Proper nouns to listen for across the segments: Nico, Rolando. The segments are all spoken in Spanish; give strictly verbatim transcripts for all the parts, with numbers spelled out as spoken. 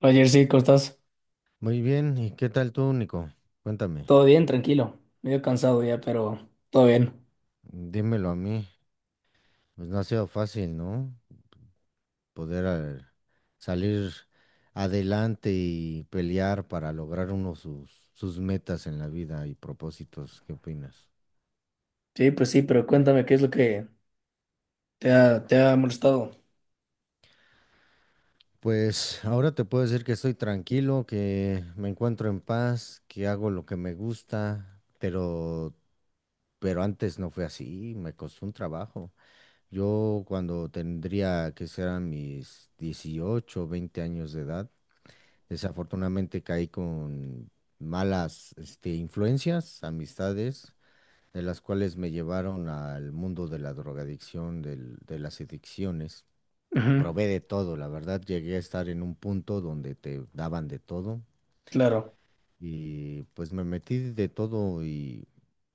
Ayer sí, ¿cómo estás? Muy bien, ¿y qué tal tú, Nico? Cuéntame, Todo bien, tranquilo. Medio cansado ya, pero todo bien. dímelo a mí. Pues no ha sido fácil, ¿no? Poder eh, salir adelante y pelear para lograr uno sus, sus metas en la vida y propósitos. ¿Qué opinas? Sí, pues sí, pero cuéntame qué es lo que te ha, te ha molestado. Pues ahora te puedo decir que estoy tranquilo, que me encuentro en paz, que hago lo que me gusta, pero, pero antes no fue así, me costó un trabajo. Yo cuando tendría que serán mis dieciocho, o veinte años de edad, desafortunadamente caí con malas este, influencias, amistades, de las cuales me llevaron al mundo de la drogadicción, del- de las adicciones. Ujú. Probé de todo, la verdad, llegué a estar en un punto donde te daban de todo. Claro. Y pues me metí de todo y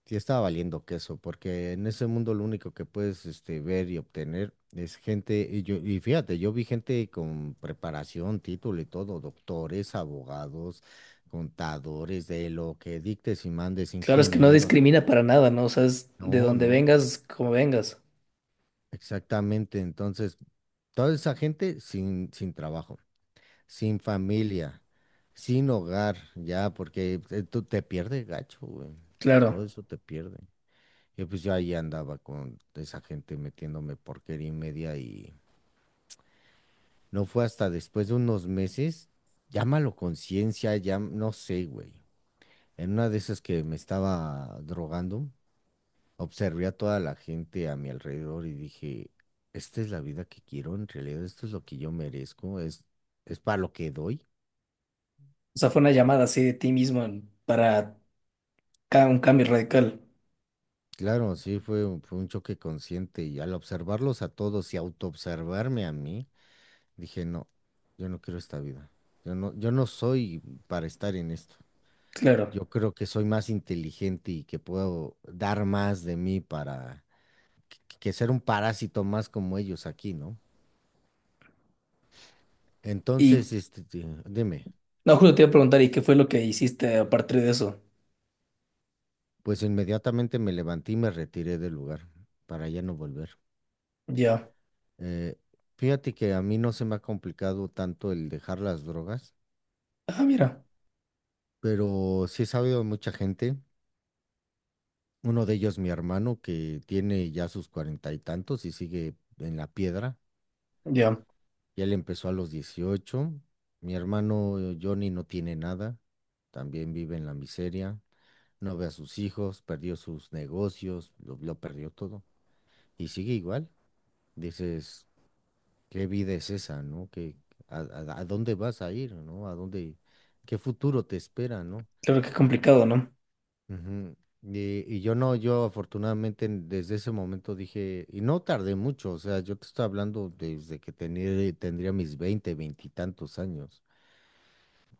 sí estaba valiendo queso, porque en ese mundo lo único que puedes este, ver y obtener es gente, y yo, y fíjate, yo vi gente con preparación, título y todo, doctores, abogados, contadores, de lo que dictes y mandes, Claro, es que no ingenieros. discrimina para nada, ¿no? O sea, es de No, donde no, vengas, como vengas. exactamente. Entonces, toda esa gente sin, sin trabajo, sin familia, sin hogar, ya, porque eh, tú te pierdes gacho, güey. Todo Claro. eso te pierde. Y pues yo ahí andaba con esa gente metiéndome porquería y media y no fue hasta después de unos meses, llámalo conciencia, ya no sé, güey. En una de esas que me estaba drogando, observé a toda la gente a mi alrededor y dije, esta es la vida que quiero, en realidad esto es lo que yo merezco, es, es para lo que doy. O sea, fue una llamada así de ti mismo en- para ca- un cambio radical. Claro, sí, fue, un- fue un choque consciente y al observarlos a todos y autoobservarme a mí, dije, no, yo no quiero esta vida. Yo no, yo no soy para estar en esto. Claro. Yo creo que soy más inteligente y que puedo dar más de mí para que ser un parásito más como ellos aquí, ¿no? Y Entonces, este, di- dime, no, justo te iba a preguntar, ¿y qué fue lo que hiciste a partir de eso? pues inmediatamente me levanté y me retiré del lugar para ya no volver. Ya. Eh, Fíjate que a mí no se me ha complicado tanto el dejar las drogas, Ah, mira. pero sí he sabido de mucha gente, uno de ellos mi hermano, que tiene ya sus cuarenta y tantos y sigue en la piedra, Ya. y él empezó a los dieciocho, mi hermano eh, Johnny no tiene nada, también vive en la miseria, no ve a sus hijos, perdió sus negocios, lo, lo perdió todo, y sigue igual, dices, ¿qué vida es esa, no? ¿Qué, a, a- a dónde vas a ir, no? ¿A dónde, qué futuro te espera, no? Claro que complicado, ¿no? Ujú. Y, y yo no, yo afortunadamente en- desde ese momento dije, y no tardé mucho, o sea, yo te estoy hablando desde que tenía, tendría mis veinte veintitantos años,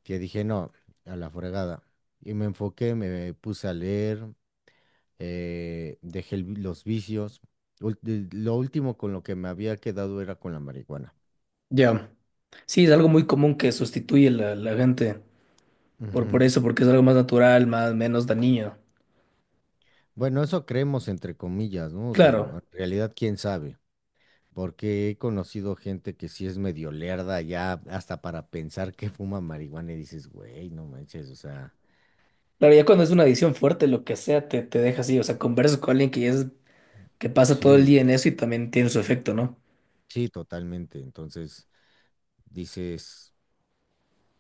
que dije, no, a la fregada. Y me enfoqué, me puse a leer, eh, dejé el vi- los vicios. Ul- de- Lo último con lo que me había quedado era con la marihuana. Ya. Sí, es algo muy común que sustituye la, la gente. Por, por Ujú. eso, porque es algo más natural, más, menos dañino. Bueno, eso creemos entre comillas, ¿no? Claro, Digo, en realidad, ¿quién sabe? Porque he conocido gente que sí es medio lerda ya hasta para pensar que fuma marihuana y dices, güey, no manches, o sea, claro, ya cuando es una adicción fuerte, lo que sea, te, te deja así. O sea, conversas con alguien que ya es, que pasa todo el día en sí, eso y también tiene su efecto, ¿no? sí, totalmente. Entonces dices,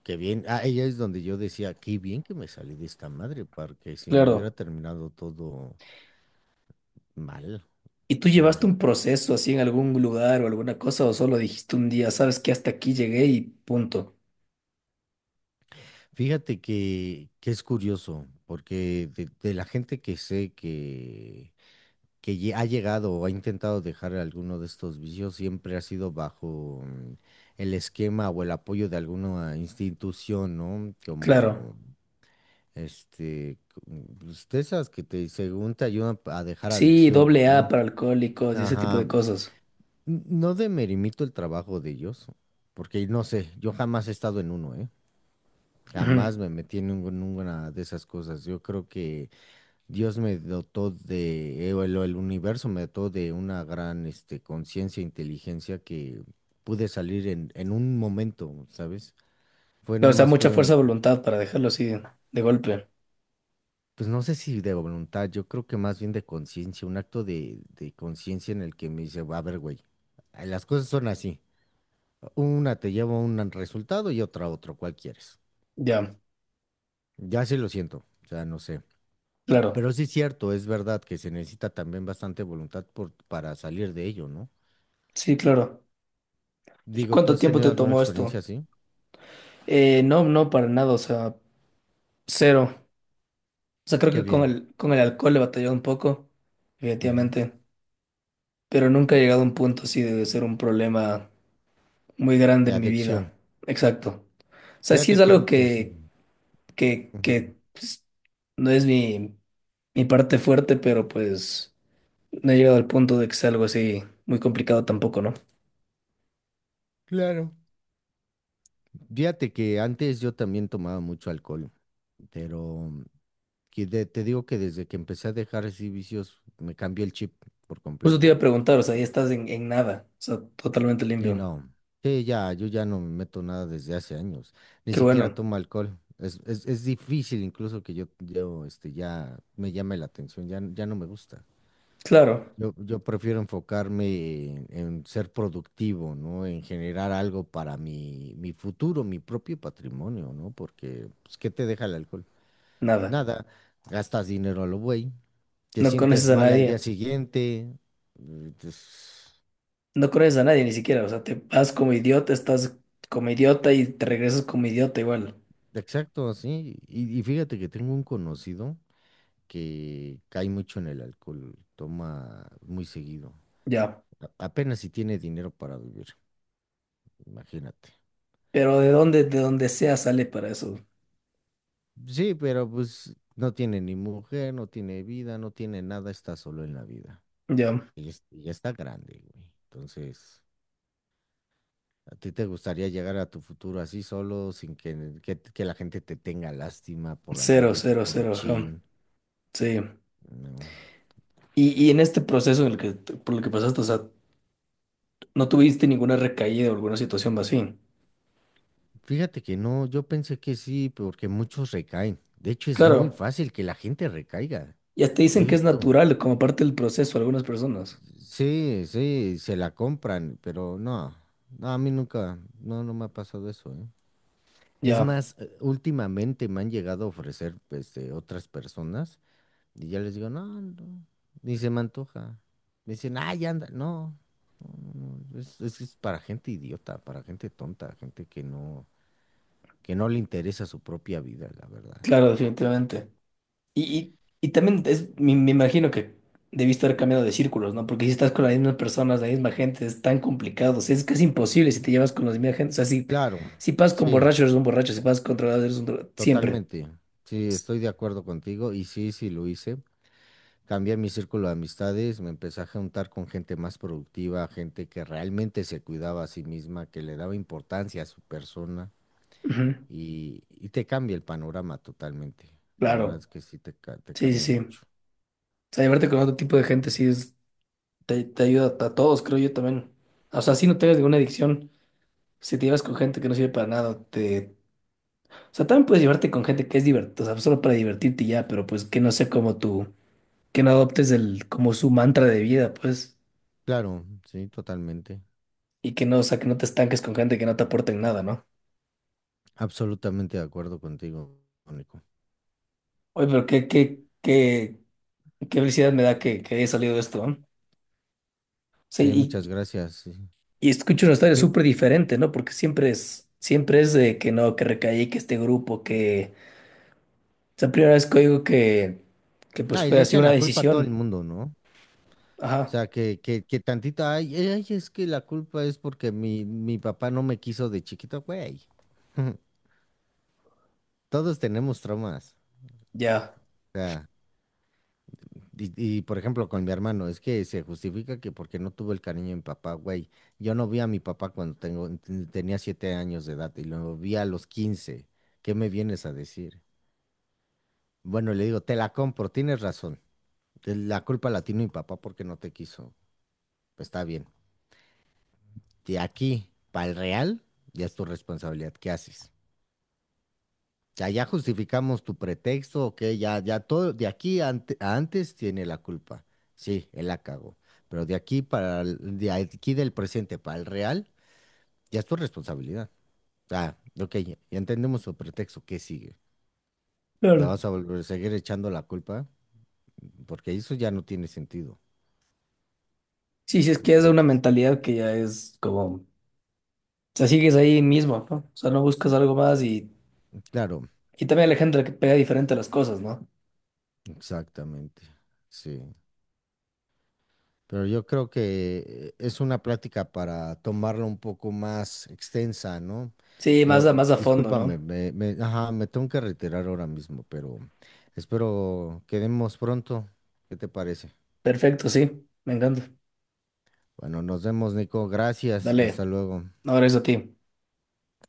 qué bien. Ah, ella es donde yo decía, qué bien que me salí de esta madre, porque si no hubiera Claro. terminado todo mal. ¿Y tú llevaste un Pero proceso así en algún lugar o alguna cosa o solo dijiste un día, sabes que hasta aquí llegué y punto? fíjate que, que es curioso, porque de, de la gente que sé que lle- ha llegado o ha intentado dejar alguno de estos vicios siempre ha sido bajo mm, el esquema o el apoyo de alguna institución, ¿no? Claro. Como este, cu- pues, de esas que te, según te ayudan a dejar Sí, adicciones, doble A ¿no? para alcohólicos y ese tipo Ajá. de cosas. n- No demerimito el trabajo de ellos, porque no sé, yo jamás he estado en uno, ¿eh? Ujú. Jamás me metí en ninguna de esas cosas. Yo creo que Dios me dotó de, eh, el, el universo me dotó de una gran, este, conciencia, inteligencia que pude salir en, en un momento, ¿sabes? Fue Claro, nada o sea, más, mucha fuerza fue, de voluntad para dejarlo así de, de golpe. pues no sé si de voluntad, yo creo que más bien de conciencia, un acto de, de conciencia en el que me dice, a ver, güey, las cosas son así. Una te lleva a un resultado y otra a otro, ¿cuál quieres? Ya, Ya sí lo siento, o sea, no sé. claro. Pero sí es cierto, es verdad que se necesita también bastante voluntad por, para salir de ello, ¿no? Sí, claro. ¿Y Digo, ¿tú cuánto has tiempo tenido te alguna tomó experiencia esto? así? Eh, no, no, para nada, o sea, cero. O sea, creo Qué que con bien. el, con el alcohol he batallado un poco, Ujú. efectivamente, pero nunca he llegado a un punto así de ser un problema muy grande Y en mi adicción. vida. Exacto. O sea, sí Fíjate es que algo antes que, sí. que, Ujú. que pues, no es mi, mi parte fuerte, pero pues no he llegado al punto de que sea algo así muy complicado tampoco, ¿no? Claro. Fíjate que antes yo también tomaba mucho alcohol, pero que de- te digo que desde que empecé a dejar así vicios, me cambió el chip por Justo te completo. iba a preguntar, o sea, ya estás en, en nada, o sea, totalmente Sí, limpio. no. Sí, ya, yo ya no me meto nada desde hace años. Ni Qué siquiera bueno. tomo alcohol. Es, es, es difícil incluso que yo, yo este, ya me llame la atención, ya, ya no me gusta. Claro, Yo, yo prefiero enfocarme en, en ser productivo, ¿no? En generar algo para mi, mi futuro, mi propio patrimonio, ¿no? Porque, pues, ¿qué te deja el alcohol? nada. Nada, gastas dinero a lo güey, te No sientes conoces a mal al día nadie. siguiente. Eh, pues, No conoces a nadie ni siquiera, o sea, te vas como idiota, estás como idiota y te regresas como idiota igual. exacto, sí. Y, y fíjate que tengo un conocido que cae mucho en el alcohol, toma muy seguido. Ya. a- Apenas si tiene dinero para vivir, imagínate. Pero de dónde, de donde sea sale para eso. Sí, pero pues no tiene ni mujer, no tiene vida, no tiene nada, está solo en la vida. Ya. Y, es- y ya está grande, güey. Entonces, ¿a ti te gustaría llegar a tu futuro así solo, sin que, que, que la gente te tenga lástima por andar Cero, de cero, cero, ajá. teporochín? Sí. No. Y, y en este proceso en el que, por el que pasaste, o sea, no tuviste ninguna recaída o alguna situación así. Fíjate que no, yo pensé que sí, porque muchos recaen. De hecho, es muy Claro. fácil que la gente recaiga. Ya te He dicen que es visto. natural como parte del proceso algunas personas. Sí, sí, se la compran, pero no, no, a mí nunca, no, no me ha pasado eso, ¿eh? Es Ya. más, eh, últimamente me han llegado a ofrecer este, otras personas y ya les digo, no, no, ni se me antoja. Me dicen, ah, ya anda, no, no, no, no, es, es, es para gente idiota, para gente tonta, gente que no, que no le interesa su propia vida, la verdad. Claro, definitivamente. Y, y, y también es, me, me imagino que debiste haber cambiado de círculos, ¿no? Porque si estás con las mismas personas, la misma gente, es tan complicado. O sea, es casi imposible si te llevas con la misma gente. O sea, si, Claro, si pasas con sí, borrachos, eres un borracho. Si pasas con drogados, eres un drogado. Siempre. totalmente. Sí, S- estoy de acuerdo contigo y sí, sí lo hice. Cambié mi círculo de amistades, me empecé a juntar con gente más productiva, gente que realmente se cuidaba a sí misma, que le daba importancia a su persona ujú, y, y te cambia el panorama totalmente. La verdad claro. es que sí te, ca- te Sí, sí, cambia sí. O mucho. sea, llevarte con otro tipo de gente sí es, te, te ayuda a todos, creo yo también. O sea, si no tengas ninguna adicción, si te llevas con gente que no sirve para nada, te... O sea, también puedes llevarte con gente que es divertida, o sea, solo para divertirte y ya, pero pues que no sea como tú que no adoptes el, como su mantra de vida, pues, Claro, sí, totalmente. y que no, o sea, que no te estanques con gente que no te aporte en nada, ¿no? Absolutamente de acuerdo contigo, Nico. Oye, pero qué, qué, qué, qué felicidad me da que, que haya salido esto, ¿no? Sí, Sí, muchas gracias, sí. y, y escucho una historia Que, súper diferente, ¿no? Porque siempre es, siempre es de que no, que recaí, que este grupo, que... O sea, primera vez que oigo que, que pues ah, y fue le así echan una la culpa a todo el decisión. mundo, ¿no? O Ajá, sea, que, que, que tantita, ay, ay, es que la culpa es porque mi, mi papá no me quiso de chiquito, güey. Todos tenemos traumas. ya. O sea, y, y, por ejemplo, con mi hermano, es que se justifica que porque no tuve el cariño de mi papá, güey. Yo no vi a mi papá cuando tengo, ten- tenía siete años de edad y lo vi a los quince. ¿Qué me vienes a decir? Bueno, le digo, te la compro, tienes razón. Te- La culpa la tiene mi papá porque no te quiso. Pues está bien. De aquí para el real, ya es tu responsabilidad. ¿Qué haces? Ya, ya justificamos tu pretexto, ok, ya, ya todo, de aquí ante- a antes tiene la culpa. Sí, él la cagó. Pero de aquí para el- de aquí del presente para el real, ya es tu responsabilidad. Ah, ok, ya, ya entendemos su pretexto, ¿qué sigue? ¿La Claro. vas a volver a seguir echando la culpa? Porque eso ya no tiene sentido. Sí, sí, es que es Ya una dices, mentalidad que ya es como... O sea, sigues ahí mismo, ¿no? O sea, no buscas algo más y claro, Y también la gente que pega diferente a las cosas, ¿no? exactamente. Sí. Pero yo creo que eh, es una plática para tomarla un poco más extensa, ¿no? Sí, más Yo, a, más a fondo, ¿no? discúlpame, me, me, ajá, me tengo que retirar ahora mismo, pero espero quedemos pronto. ¿Qué te parece? Perfecto, sí, me encanta. Bueno, nos vemos, Nico. Gracias. Hasta Dale, luego. ahora es a ti.